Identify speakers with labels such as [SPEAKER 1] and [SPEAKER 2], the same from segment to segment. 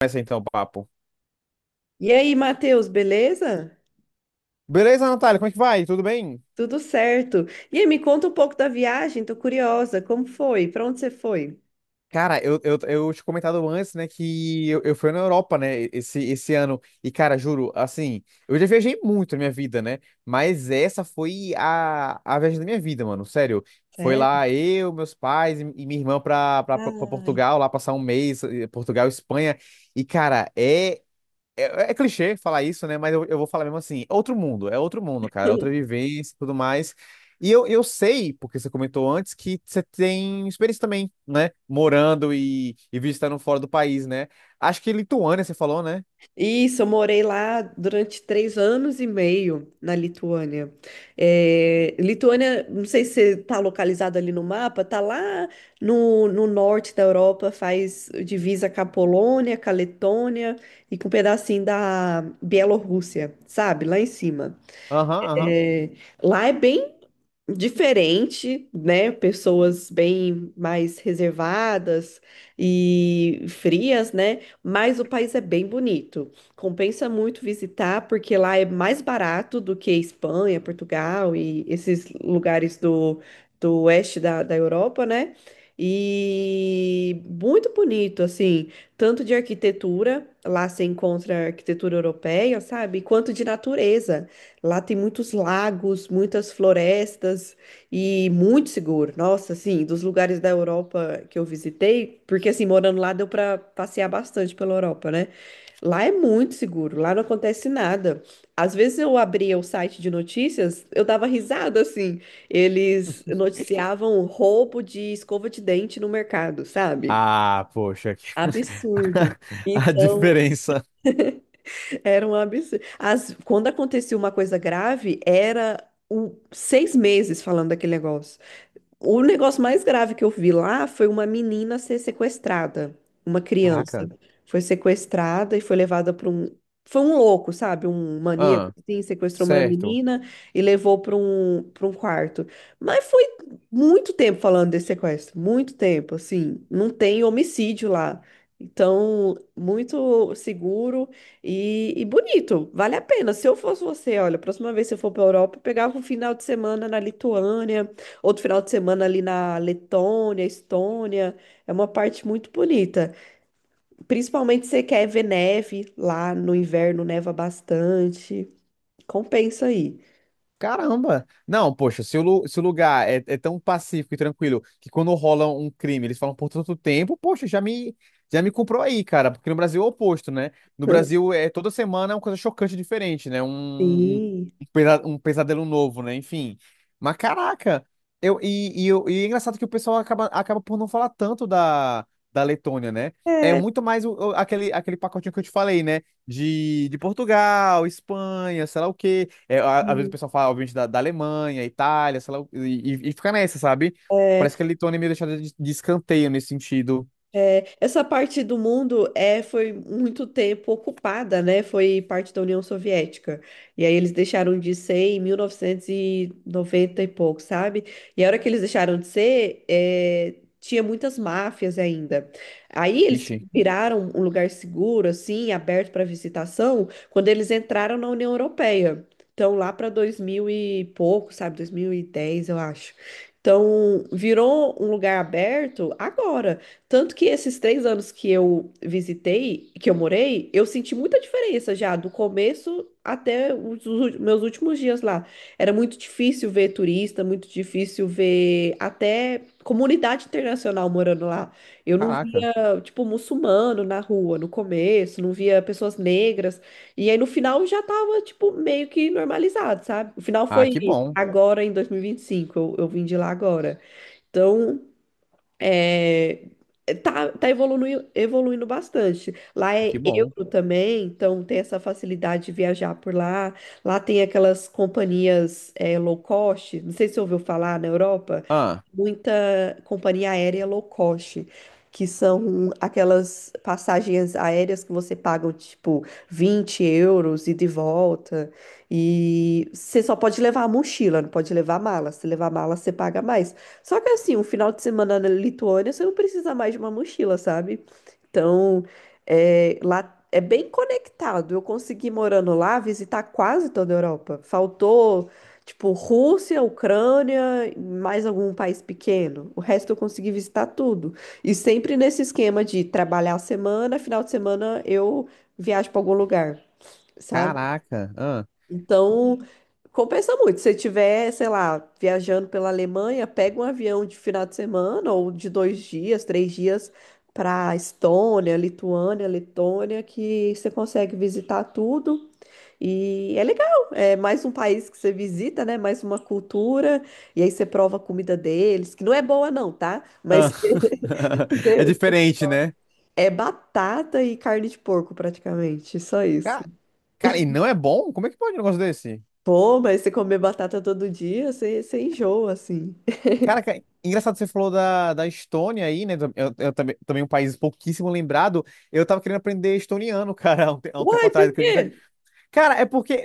[SPEAKER 1] Começa então o papo.
[SPEAKER 2] E aí, Matheus, beleza?
[SPEAKER 1] Beleza, Natália, como é que vai? Tudo bem?
[SPEAKER 2] Tudo certo. E aí, me conta um pouco da viagem, tô curiosa, como foi? Para onde você foi?
[SPEAKER 1] Cara, eu tinha comentado antes, né, que eu fui na Europa, né, esse ano. E, cara, juro, assim, eu já viajei muito na minha vida, né? Mas essa foi a viagem da minha vida, mano, sério. Foi
[SPEAKER 2] Sério?
[SPEAKER 1] lá eu, meus pais e minha irmã pra
[SPEAKER 2] Ai.
[SPEAKER 1] Portugal, lá passar um mês, Portugal, Espanha. E, cara, é clichê falar isso, né? Mas eu vou falar mesmo assim. É outro mundo, é outro mundo, cara. Outra vivência e tudo mais. E eu sei, porque você comentou antes, que você tem experiência também, né? Morando e visitando fora do país, né? Acho que Lituânia, você falou, né?
[SPEAKER 2] Isso, eu morei lá durante 3 anos e meio na Lituânia. É, Lituânia, não sei se você tá localizado ali no mapa, tá lá no norte da Europa, faz divisa com a Polônia, com a Letônia e com um pedacinho da Bielorrússia, sabe? Lá em cima.
[SPEAKER 1] Aham, aham.
[SPEAKER 2] É, lá é bem diferente, né? Pessoas bem mais reservadas e frias, né? Mas o país é bem bonito. Compensa muito visitar, porque lá é mais barato do que Espanha, Portugal e esses lugares do oeste da Europa, né? E muito bonito, assim, tanto de arquitetura, lá se encontra arquitetura europeia, sabe? Quanto de natureza. Lá tem muitos lagos, muitas florestas e muito seguro. Nossa, assim, dos lugares da Europa que eu visitei, porque assim, morando lá deu para passear bastante pela Europa, né? Lá é muito seguro, lá não acontece nada. Às vezes eu abria o site de notícias, eu dava risada assim. Eles noticiavam roubo de escova de dente no mercado, sabe?
[SPEAKER 1] Ah, poxa.
[SPEAKER 2] Absurdo.
[SPEAKER 1] A
[SPEAKER 2] Então,
[SPEAKER 1] diferença.
[SPEAKER 2] era um absurdo. Quando acontecia uma coisa grave, era 6 meses falando daquele negócio. O negócio mais grave que eu vi lá foi uma menina ser sequestrada, uma criança.
[SPEAKER 1] Caraca.
[SPEAKER 2] Foi sequestrada e foi levada para um. Foi um louco, sabe? Um maníaco,
[SPEAKER 1] Ah,
[SPEAKER 2] assim, sequestrou uma
[SPEAKER 1] certo.
[SPEAKER 2] menina e levou para um quarto. Mas foi muito tempo falando desse sequestro, muito tempo, assim. Não tem homicídio lá. Então, muito seguro e bonito. Vale a pena. Se eu fosse você, olha, a próxima vez que você for para a Europa, eu pegava um final de semana na Lituânia. Outro final de semana ali na Letônia, Estônia, é uma parte muito bonita. Principalmente se você quer ver neve lá no inverno, neva bastante. Compensa aí.
[SPEAKER 1] Caramba! Não, poxa, se o lugar é tão pacífico e tranquilo que quando rola um crime eles falam por tanto tempo, poxa, já me comprou aí, cara, porque no Brasil é o oposto, né? No Brasil é toda semana é uma coisa chocante diferente, né? Um, um,
[SPEAKER 2] Sim.
[SPEAKER 1] um pesa- um pesadelo novo, né? Enfim. Mas caraca! Eu, e, eu- e é engraçado que o pessoal acaba por não falar tanto da Letônia, né? É
[SPEAKER 2] É.
[SPEAKER 1] muito mais aquele pacotinho que eu te falei, né? De Portugal, Espanha, sei lá o quê. É, às vezes o
[SPEAKER 2] Sim.
[SPEAKER 1] pessoal fala, obviamente, da Alemanha, Itália, sei lá, e fica nessa, sabe?
[SPEAKER 2] É,
[SPEAKER 1] Parece que a Letônia é meio deixada de escanteio nesse sentido.
[SPEAKER 2] É, essa parte do mundo é, foi muito tempo ocupada, né? Foi parte da União Soviética. E aí eles deixaram de ser em 1990 e noventa e pouco, sabe? E a hora que eles deixaram de ser, tinha muitas máfias ainda. Aí eles
[SPEAKER 1] Vixe,
[SPEAKER 2] viraram um lugar seguro, assim, aberto para visitação, quando eles entraram na União Europeia. Então, lá para 2000 e pouco, sabe? 2010, eu acho. Então, virou um lugar aberto agora. Tanto que esses 3 anos que eu visitei, que eu morei, eu senti muita diferença já, do começo até meus últimos dias lá. Era muito difícil ver turista, muito difícil ver até comunidade internacional morando lá. Eu não
[SPEAKER 1] caraca.
[SPEAKER 2] via, tipo, muçulmano na rua no começo, não via pessoas negras. E aí no final já tava, tipo, meio que normalizado, sabe? O final
[SPEAKER 1] Ah,
[SPEAKER 2] foi
[SPEAKER 1] que bom,
[SPEAKER 2] agora em 2025, eu vim de lá agora. Então. É, tá evoluindo, evoluindo bastante. Lá é
[SPEAKER 1] que bom.
[SPEAKER 2] euro também, então tem essa facilidade de viajar por lá. Lá tem aquelas companhias low cost, não sei se você ouviu falar na Europa,
[SPEAKER 1] Ah,
[SPEAKER 2] muita companhia aérea low cost, que são aquelas passagens aéreas que você paga tipo €20 ida e de volta. E você só pode levar a mochila, não pode levar mala. Se levar mala, você paga mais. Só que assim, um final de semana na Lituânia, você não precisa mais de uma mochila, sabe? Então, lá é bem conectado. Eu consegui, morando lá, visitar quase toda a Europa. Faltou, tipo, Rússia, Ucrânia, mais algum país pequeno. O resto eu consegui visitar tudo. E sempre nesse esquema de trabalhar a semana, final de semana eu viajo para algum lugar,
[SPEAKER 1] caraca. Ah,
[SPEAKER 2] então, compensa muito. Se você estiver, sei lá, viajando pela Alemanha, pega um avião de final de semana ou de 2 dias, 3 dias para Estônia, Lituânia, Letônia, que você consegue visitar tudo. E é legal, é mais um país que você visita, né? Mais uma cultura, e aí você prova a comida deles, que não é boa não, tá? Mas
[SPEAKER 1] ah. É diferente, né?
[SPEAKER 2] é batata e carne de porco praticamente, só isso.
[SPEAKER 1] Ca- Cara, e não é bom? Como é que pode um negócio desse?
[SPEAKER 2] Pô, mas você comer batata todo dia, você enjoa, assim.
[SPEAKER 1] Cara, engraçado que você falou da Estônia aí, né? Eu também, um país pouquíssimo lembrado. Eu tava querendo aprender estoniano, cara, há um tempo
[SPEAKER 2] Uai, por
[SPEAKER 1] atrás, acredita?
[SPEAKER 2] quê?
[SPEAKER 1] Cara, é porque é,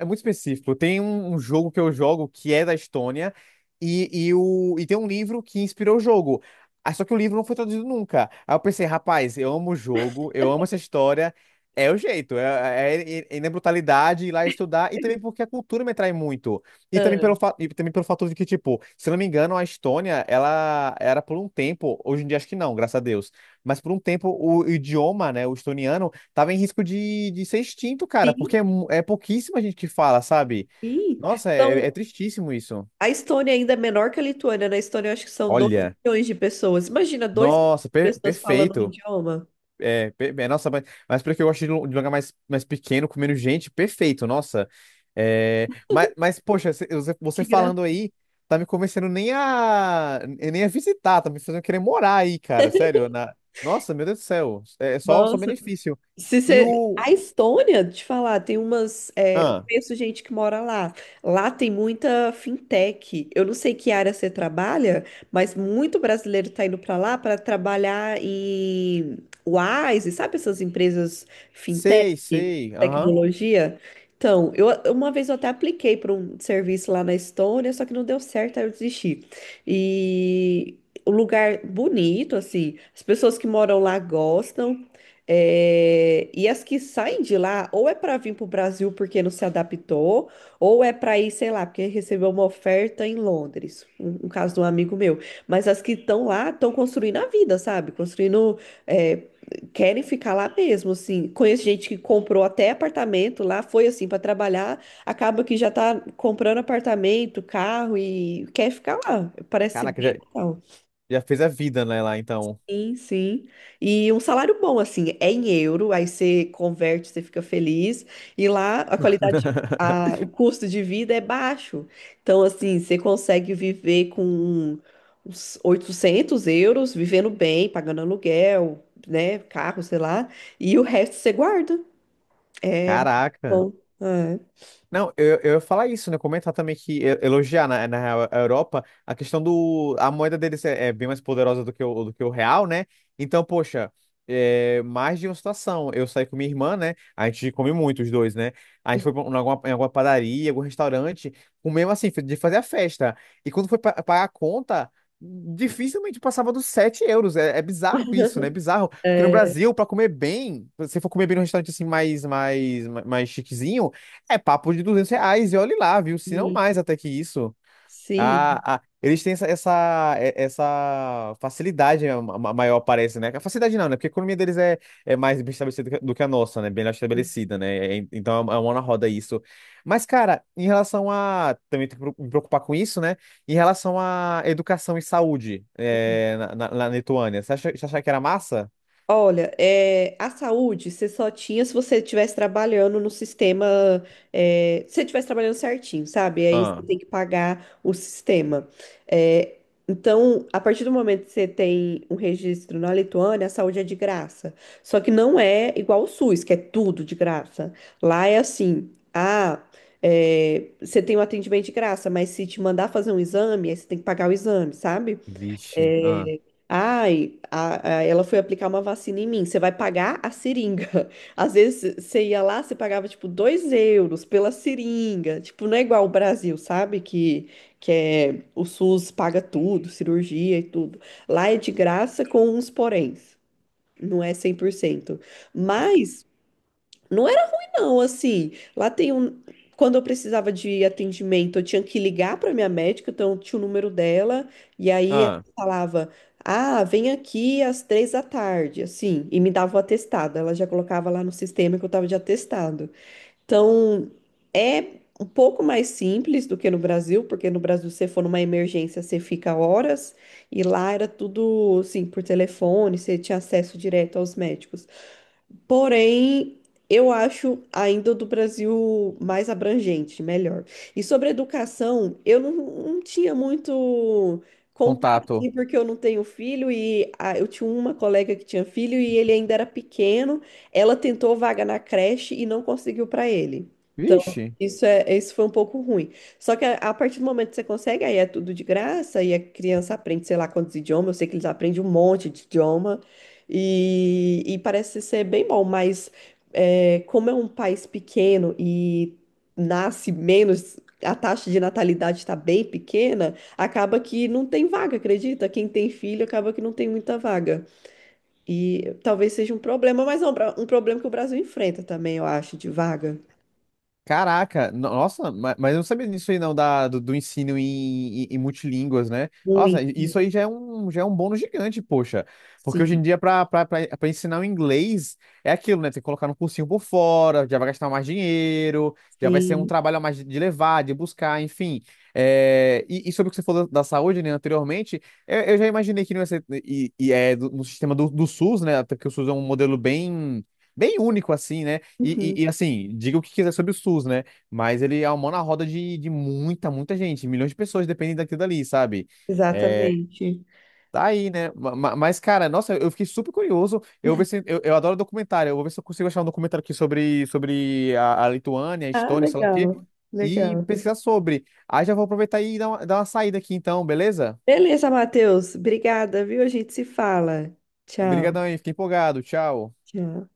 [SPEAKER 1] é é muito específico. Tem um jogo que eu jogo que é da Estônia e tem um livro que inspirou o jogo. Ah, só que o livro não foi traduzido nunca. Aí eu pensei, rapaz, eu amo o jogo, eu amo essa história. É o jeito, é na brutalidade ir lá estudar e também porque a cultura me atrai muito. E também pelo,
[SPEAKER 2] Ah,
[SPEAKER 1] fa- e também pelo fato de que, tipo, se eu não me engano, a Estônia, ela era por um tempo, hoje em dia acho que não, graças a Deus, mas por um tempo o idioma, né, o estoniano tava em risco de ser extinto, cara, porque
[SPEAKER 2] sim,
[SPEAKER 1] é pouquíssima gente que fala, sabe?
[SPEAKER 2] sim.
[SPEAKER 1] Nossa, é
[SPEAKER 2] Então,
[SPEAKER 1] tristíssimo isso.
[SPEAKER 2] a Estônia ainda é menor que a Lituânia. Na Estônia, eu acho que são dois
[SPEAKER 1] Olha,
[SPEAKER 2] milhões de pessoas. Imagina, 2 milhões
[SPEAKER 1] nossa,
[SPEAKER 2] de pessoas falando um
[SPEAKER 1] perfeito.
[SPEAKER 2] idioma.
[SPEAKER 1] É, nossa, mas porque eu gosto de um lugar mais, pequeno, com menos gente, perfeito, nossa. É, mas, poxa, cê- você
[SPEAKER 2] Que
[SPEAKER 1] você falando aí, tá me convencendo nem a visitar, tá me fazendo querer morar aí, cara, sério. Nossa, meu Deus do céu, é só
[SPEAKER 2] graça.
[SPEAKER 1] benefício.
[SPEAKER 2] Se
[SPEAKER 1] E
[SPEAKER 2] você...
[SPEAKER 1] o.
[SPEAKER 2] A Estônia, te falar, tem umas. É, eu
[SPEAKER 1] Ah,
[SPEAKER 2] conheço gente que mora lá. Lá tem muita fintech. Eu não sei que área você trabalha, mas muito brasileiro está indo para lá para trabalhar em Wise, sabe essas empresas fintech,
[SPEAKER 1] sei, sei, aham.
[SPEAKER 2] tecnologia? Então, uma vez eu até apliquei para um serviço lá na Estônia, só que não deu certo, aí eu desisti. E. O lugar bonito, assim, as pessoas que moram lá gostam. É, e as que saem de lá, ou é para vir para o Brasil porque não se adaptou, ou é para ir, sei lá, porque recebeu uma oferta em Londres, um caso de um amigo meu. Mas as que estão lá estão construindo a vida, sabe? Construindo, é, querem ficar lá mesmo, assim. Conheço gente que comprou até apartamento lá, foi assim para trabalhar, acaba que já tá comprando apartamento, carro e quer ficar lá. Parece
[SPEAKER 1] Caraca,
[SPEAKER 2] bem
[SPEAKER 1] já.
[SPEAKER 2] legal.
[SPEAKER 1] Já fez a vida, né, lá então.
[SPEAKER 2] Sim, sim. E um salário bom, assim, é em euro, aí você converte, você fica feliz. E lá a qualidade, o custo de vida é baixo. Então, assim, você consegue viver com uns €800, vivendo bem, pagando aluguel, né, carro, sei lá. E o resto você guarda. É
[SPEAKER 1] Caraca.
[SPEAKER 2] bom. É.
[SPEAKER 1] Não, eu ia falar isso, né? Comentar também que elogiar na real, a Europa a questão do. A moeda deles é bem mais poderosa do que o real, né? Então, poxa, mais de uma situação. Eu saí com minha irmã, né? A gente come muito, os dois, né? A gente foi em alguma padaria, algum restaurante, comemos assim, de fazer a festa. E quando foi pagar a conta, dificilmente passava dos 7 euros. É bizarro isso, né? É bizarro. Porque no
[SPEAKER 2] É,
[SPEAKER 1] Brasil, pra comer bem, se for comer bem num restaurante assim mais chiquezinho. É papo de R$ 200, e olhe lá, viu? Se não
[SPEAKER 2] e-
[SPEAKER 1] mais até que isso. Ah,
[SPEAKER 2] sim.
[SPEAKER 1] ah, eles têm essa facilidade maior, parece, né? A facilidade não, né? Porque a economia deles é mais bem estabelecida do que a nossa, né? Bem estabelecida, né? Então é uma mão na roda isso. Mas, cara, em relação a. Também tenho que me preocupar com isso, né? Em relação à educação e saúde na Lituânia, você acha que era massa?
[SPEAKER 2] Olha, a saúde você só tinha se você estivesse trabalhando no sistema, se você estivesse trabalhando certinho, sabe? Aí você
[SPEAKER 1] Ah,
[SPEAKER 2] tem que pagar o sistema. É, então, a partir do momento que você tem um registro na Lituânia, a saúde é de graça. Só que não é igual o SUS, que é tudo de graça. Lá é assim, você tem um atendimento de graça, mas se te mandar fazer um exame, aí você tem que pagar o exame, sabe?
[SPEAKER 1] vixe. Ah,
[SPEAKER 2] Ai, ela foi aplicar uma vacina em mim. Você vai pagar a seringa. Às vezes você ia lá, você pagava tipo €2 pela seringa. Tipo, não é igual o Brasil, sabe? Que é, o SUS paga tudo, cirurgia e tudo. Lá é de graça com uns poréns. Não é 100%. Mas não era ruim, não, assim. Lá tem um. Quando eu precisava de atendimento, eu tinha que ligar para minha médica, então tinha o número dela, e aí ela
[SPEAKER 1] ah,
[SPEAKER 2] falava: Ah, vem aqui às 3 da tarde, assim, e me dava o atestado. Ela já colocava lá no sistema que eu estava de atestado. Então, é um pouco mais simples do que no Brasil, porque no Brasil, se você for numa emergência, você fica horas, e lá era tudo, assim, por telefone, você tinha acesso direto aos médicos. Porém, eu acho ainda do Brasil mais abrangente, melhor. E sobre educação, eu não tinha muito contato,
[SPEAKER 1] contato.
[SPEAKER 2] assim, porque eu não tenho filho e eu tinha uma colega que tinha filho e ele ainda era pequeno. Ela tentou vaga na creche e não conseguiu para ele. Então,
[SPEAKER 1] Vixe.
[SPEAKER 2] isso foi um pouco ruim. Só que a partir do momento que você consegue, aí é tudo de graça e a criança aprende, sei lá quantos idiomas. Eu sei que eles aprendem um monte de idioma. E parece ser bem bom, mas como é um país pequeno e nasce menos, a taxa de natalidade está bem pequena, acaba que não tem vaga, acredita? Quem tem filho acaba que não tem muita vaga. E talvez seja um problema, mas é um problema que o Brasil enfrenta também, eu acho, de vaga.
[SPEAKER 1] Caraca, nossa, mas eu não sabia disso aí não, do ensino em multilínguas, né? Nossa, isso aí
[SPEAKER 2] Muitos.
[SPEAKER 1] já é um bônus gigante, poxa. Porque hoje
[SPEAKER 2] Sim,
[SPEAKER 1] em dia, para ensinar o inglês, é aquilo, né? Tem que colocar no cursinho por fora, já vai gastar mais dinheiro, já vai ser um
[SPEAKER 2] sim.
[SPEAKER 1] trabalho a mais de levar, de buscar, enfim. É, e sobre o que você falou da saúde, né, anteriormente, eu já imaginei que não ia ser, no sistema do SUS, né? Até que o SUS é um modelo bem único, assim, né? E,
[SPEAKER 2] Uhum,
[SPEAKER 1] e- e, assim, diga o que quiser sobre o SUS, né? Mas ele é uma mão na roda de muita, muita gente. Milhões de pessoas dependem daquilo dali, sabe? É,
[SPEAKER 2] exatamente.
[SPEAKER 1] tá aí, né? Mas, cara, nossa, eu fiquei super curioso. Eu vou ver se, eu adoro documentário. Eu vou ver se eu consigo achar um documentário aqui sobre a Lituânia, a
[SPEAKER 2] Ah,
[SPEAKER 1] Estônia, sei lá o quê,
[SPEAKER 2] legal,
[SPEAKER 1] e
[SPEAKER 2] legal.
[SPEAKER 1] pesquisar sobre. Aí já vou aproveitar e dar uma saída aqui, então, beleza?
[SPEAKER 2] Beleza, Matheus. Obrigada, viu? A gente se fala. Tchau.
[SPEAKER 1] Obrigadão aí, fiquei empolgado. Tchau.
[SPEAKER 2] Tchau.